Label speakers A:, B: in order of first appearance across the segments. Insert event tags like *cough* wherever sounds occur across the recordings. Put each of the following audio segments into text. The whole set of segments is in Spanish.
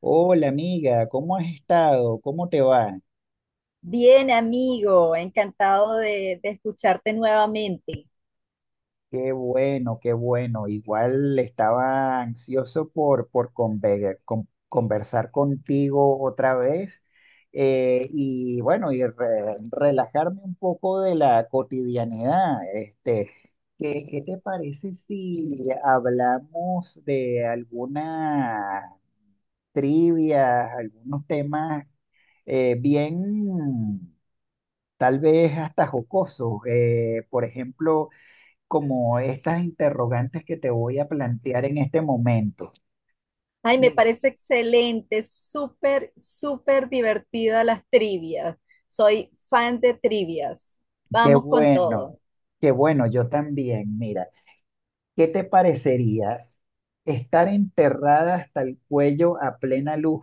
A: Hola amiga, ¿cómo has estado? ¿Cómo te va?
B: Bien, amigo, encantado de escucharte nuevamente.
A: Qué bueno, qué bueno. Igual estaba ansioso por conversar contigo otra vez. Y bueno, y relajarme un poco de la cotidianidad. ¿Qué te parece si hablamos de alguna trivia, algunos temas bien, tal vez hasta jocoso. Por ejemplo, como estas interrogantes que te voy a plantear en este momento.
B: Ay, me
A: Mira,
B: parece excelente, súper, súper divertida las trivias. Soy fan de trivias.
A: qué
B: Vamos con
A: bueno,
B: todo.
A: qué bueno, yo también. Mira, ¿qué te parecería estar enterrada hasta el cuello a plena luz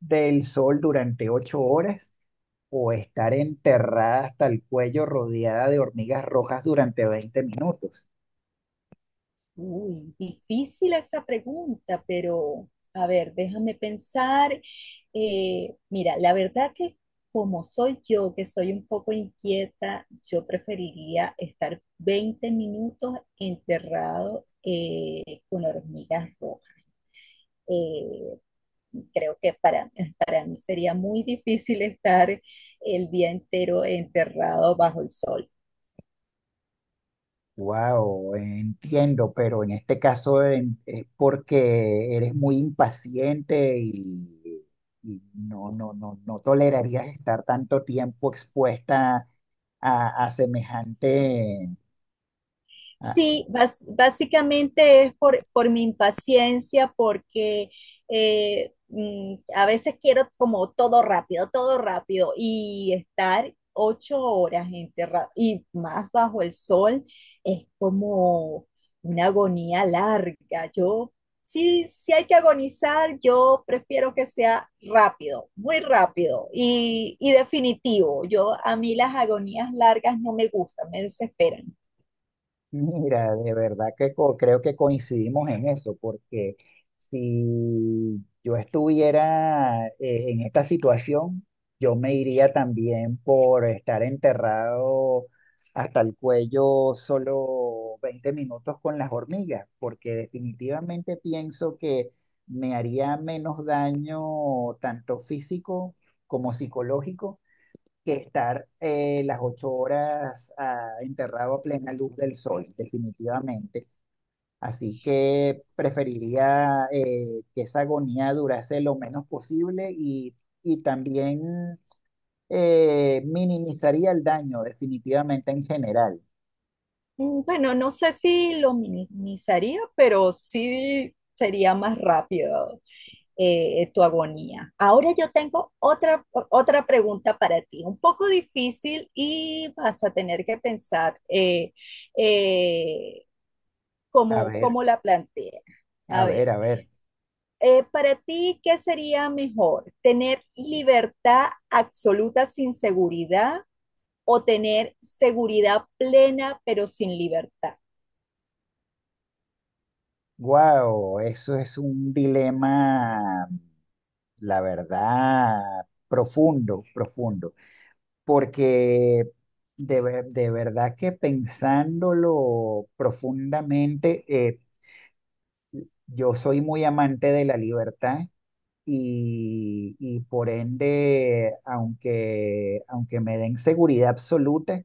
A: del sol durante 8 horas? ¿O estar enterrada hasta el cuello rodeada de hormigas rojas durante 20 minutos?
B: Uy, difícil esa pregunta, pero a ver, déjame pensar. Mira, la verdad que como soy yo, que soy un poco inquieta, yo preferiría estar 20 minutos enterrado con hormigas rojas. Eh, creo que para mí sería muy difícil estar el día entero enterrado bajo el sol.
A: Wow, entiendo, pero en este caso es porque eres muy impaciente y no, no, no, no tolerarías estar tanto tiempo expuesta a semejante...
B: Sí, básicamente es por mi impaciencia, porque a veces quiero como todo rápido, y estar 8 horas enterrado y más bajo el sol es como una agonía larga. Yo, sí, si hay que agonizar, yo prefiero que sea rápido, muy rápido y definitivo. Yo, a mí las agonías largas no me gustan, me desesperan.
A: Mira, de verdad que creo que coincidimos en eso, porque si yo estuviera en esta situación, yo me iría también por estar enterrado hasta el cuello solo 20 minutos con las hormigas, porque definitivamente pienso que me haría menos daño tanto físico como psicológico que estar las 8 horas enterrado a plena luz del sol, definitivamente. Así que preferiría que esa agonía durase lo menos posible, y también minimizaría el daño, definitivamente en general.
B: Mm, bueno, no sé si lo minimizaría, pero sí sería más rápido tu agonía. Ahora yo tengo otra pregunta para ti, un poco difícil y vas a tener que pensar eh,
A: A ver,
B: cómo la plantea.
A: a
B: A
A: ver,
B: ver,
A: a ver.
B: para ti, ¿qué sería mejor? ¿Tener libertad absoluta sin seguridad o tener seguridad plena pero sin libertad?
A: Wow, eso es un dilema, la verdad, profundo, profundo. Porque de verdad que pensándolo profundamente, yo soy muy amante de la libertad y por ende, aunque me den seguridad absoluta,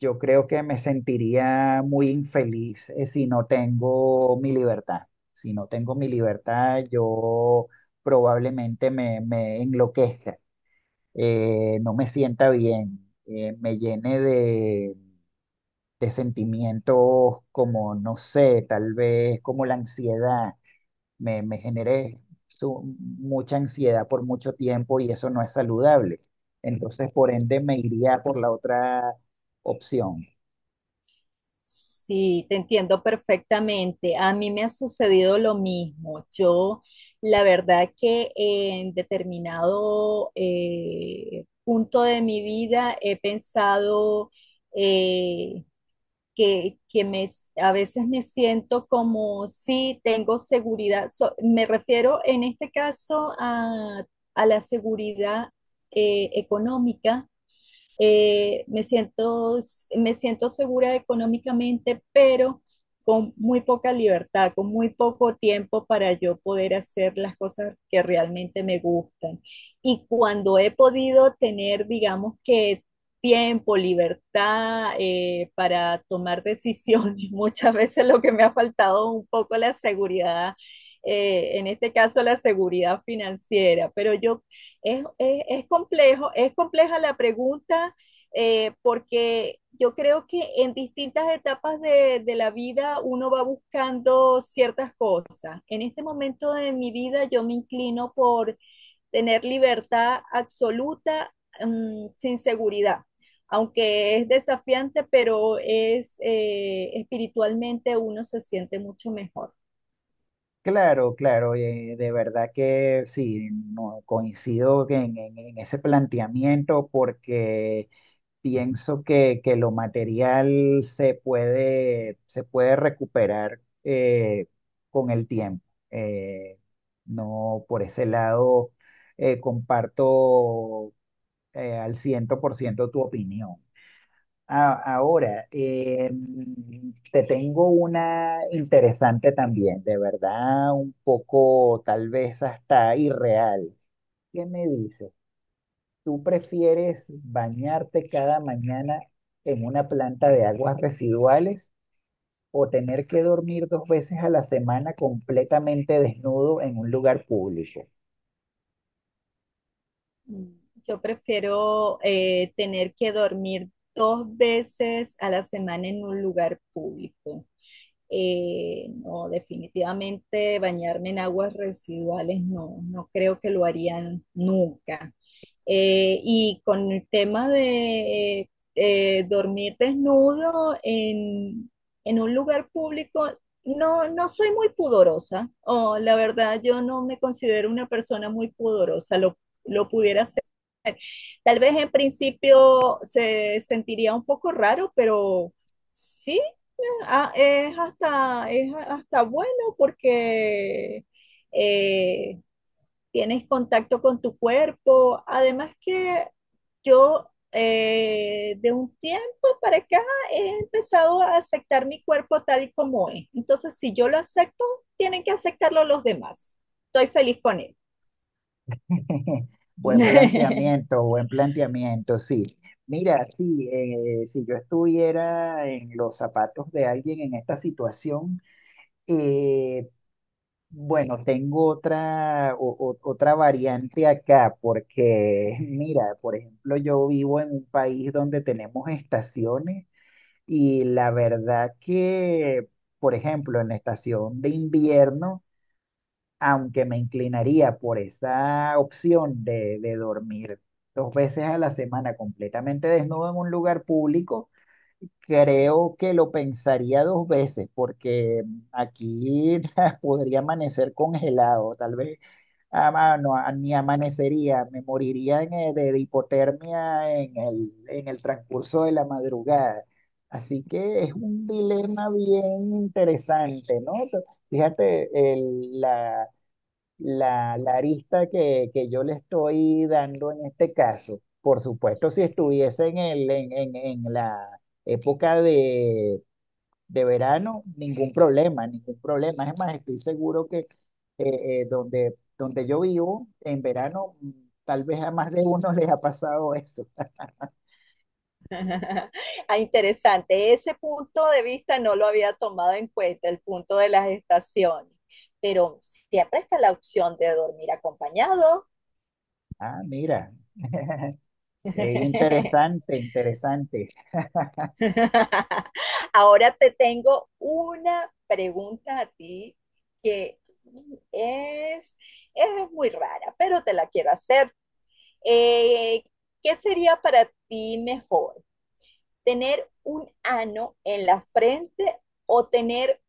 A: yo creo que me sentiría muy infeliz, si no tengo mi libertad. Si no tengo mi libertad, yo probablemente me enloquezca, no me sienta bien, me llene de sentimientos como, no sé, tal vez como la ansiedad. Me generé mucha ansiedad por mucho tiempo y eso no es saludable. Entonces, por ende, me iría por la otra opción.
B: Sí, te entiendo perfectamente. A mí me ha sucedido lo mismo. Yo, la verdad que en determinado punto de mi vida he pensado eh, que a veces me siento como si tengo seguridad. Me refiero en este caso a la seguridad económica, eh, me siento, me siento segura económicamente, pero con muy poca libertad, con muy poco tiempo para yo poder hacer las cosas que realmente me gustan. Y cuando he podido tener, digamos que tiempo, libertad para tomar decisiones, *laughs* muchas veces lo que me ha faltado un poco la seguridad en este caso la seguridad financiera, pero yo es complejo, es compleja la pregunta porque yo creo que en distintas etapas de la vida uno va buscando ciertas cosas. En este momento de mi vida yo me inclino por tener libertad absoluta sin seguridad, aunque es desafiante, pero es espiritualmente uno se siente mucho mejor.
A: Claro, claro, de verdad que sí, no, coincido en en ese planteamiento porque pienso que lo material se puede recuperar con el tiempo. Eh, no, por ese lado, comparto al 100 por ciento tu opinión. Ahora, te tengo una interesante también, de verdad, un poco tal vez hasta irreal. ¿Qué me dices? ¿Tú prefieres bañarte cada mañana en una planta de aguas residuales o tener que dormir 2 veces a la semana completamente desnudo en un lugar público?
B: Mm, yo prefiero tener que dormir dos veces a la semana en un lugar público. No, definitivamente bañarme en aguas residuales no, no creo que lo harían nunca. Y con el tema de dormir desnudo en un lugar público, no, no soy muy pudorosa. Oh, la verdad, yo no me considero una persona muy pudorosa. Lo pudiera. Tal vez en principio se sentiría un poco raro, pero sí, ah, es hasta bueno porque eh, tienes contacto con tu cuerpo. Además que yo de un tiempo para acá he empezado a aceptar mi cuerpo tal y como es. Entonces, si yo lo acepto, tienen que aceptarlo los demás. Estoy feliz con él.
A: *laughs*
B: *laughs*
A: Buen planteamiento, sí. Mira, sí, si yo estuviera en los zapatos de alguien en esta situación, eh, bueno, tengo otra, otra variante acá, porque *laughs* mira, por ejemplo, yo vivo en un país donde tenemos estaciones y la verdad que, por ejemplo, en la estación de invierno, aunque me inclinaría por esa opción de dormir 2 veces a la semana completamente desnudo en un lugar público, creo que lo pensaría 2 veces porque aquí *laughs* podría amanecer congelado, tal vez no, ni amanecería, me moriría en, de hipotermia en el transcurso de la madrugada. Así que es un dilema bien interesante, ¿no? Fíjate, el la, la arista que yo le estoy dando en este caso. Por supuesto, si estuviese en el, en la época de verano, ningún problema, ningún problema. Es más, estoy seguro que donde, donde yo vivo, en verano, tal vez a más de uno *laughs* les ha pasado eso.
B: *laughs* Ah, interesante. Ese punto de vista no lo había tomado en cuenta, el punto de las estaciones, pero siempre está la opción de dormir acompañado.
A: Ah, mira,
B: *laughs*
A: interesante, interesante.
B: Ahora te tengo una pregunta a ti que es, es muy rara, pero te la quiero hacer. Eh, ¿Qué sería para ti mejor? ¿Tener un ano en la frente o tener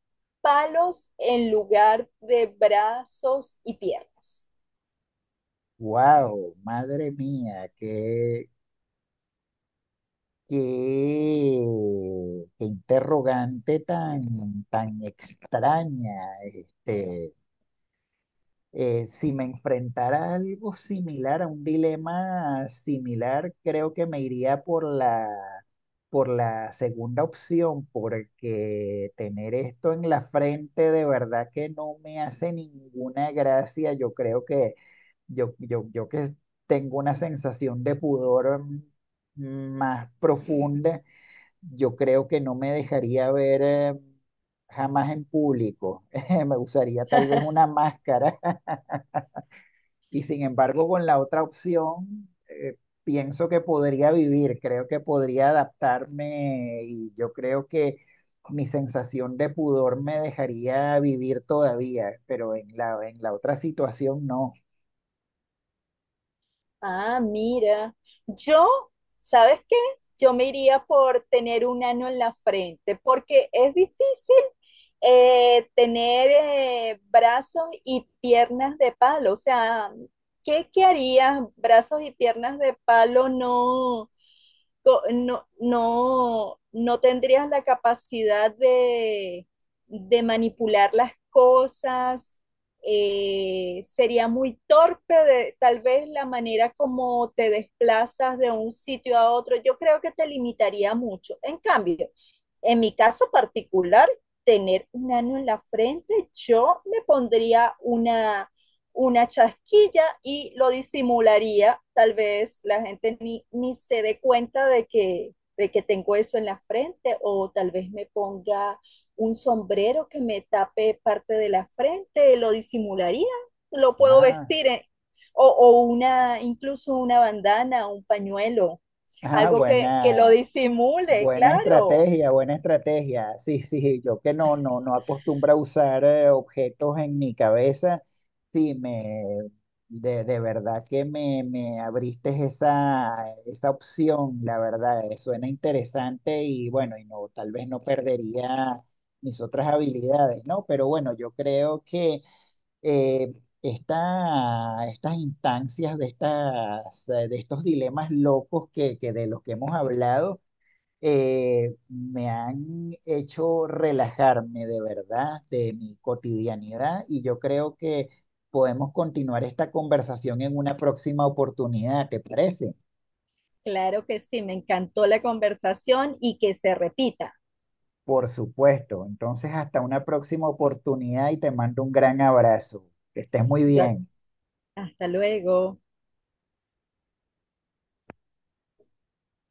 B: palos en lugar de brazos y piernas?
A: Wow, madre mía, qué... qué, qué interrogante tan, tan extraña. Este, si me enfrentara a algo similar, a un dilema similar, creo que me iría por la segunda opción, porque tener esto en la frente de verdad que no me hace ninguna gracia. Yo creo que yo que tengo una sensación de pudor más profunda, yo creo que no me dejaría ver jamás en público. *laughs* Me usaría tal vez una máscara *laughs* y sin embargo con la otra opción pienso que podría vivir, creo que podría adaptarme y yo creo que mi sensación de pudor me dejaría vivir todavía, pero en la otra situación no.
B: Ah, mira, yo, ¿sabes qué? Yo me iría por tener un ano en la frente porque es difícil tener brazos y piernas de palo. O sea, ¿qué harías? Brazos y piernas de palo, no tendrías la capacidad de manipular las cosas, sería muy torpe de, tal vez la manera como te desplazas de un sitio a otro, yo creo que te limitaría mucho. En cambio, en mi caso particular, tener un ano en la frente, yo me pondría una chasquilla y lo disimularía. Tal vez la gente ni se dé cuenta de de que tengo eso en la frente, o tal vez me ponga un sombrero que me tape parte de la frente, lo disimularía, lo puedo
A: Ah,
B: vestir en, incluso una bandana, un pañuelo,
A: ah,
B: algo que
A: buena.
B: lo disimule,
A: Buena
B: claro.
A: estrategia, buena estrategia. Sí, *laughs* sí, yo que no, no, no acostumbro a usar objetos en mi cabeza. Sí, de verdad que me abriste esa, esa opción, la verdad, suena interesante y bueno, y no, tal vez no perdería mis otras habilidades, ¿no? Pero bueno, yo creo que eh, estas instancias de estas, de estos dilemas locos que de los que hemos hablado me han hecho relajarme de verdad de mi cotidianidad y yo creo que podemos continuar esta conversación en una próxima oportunidad, ¿te parece?
B: Claro que sí, me encantó la conversación y que se repita.
A: Por supuesto. Entonces, hasta una próxima oportunidad y te mando un gran abrazo. Que estés muy
B: Yo,
A: bien.
B: hasta luego.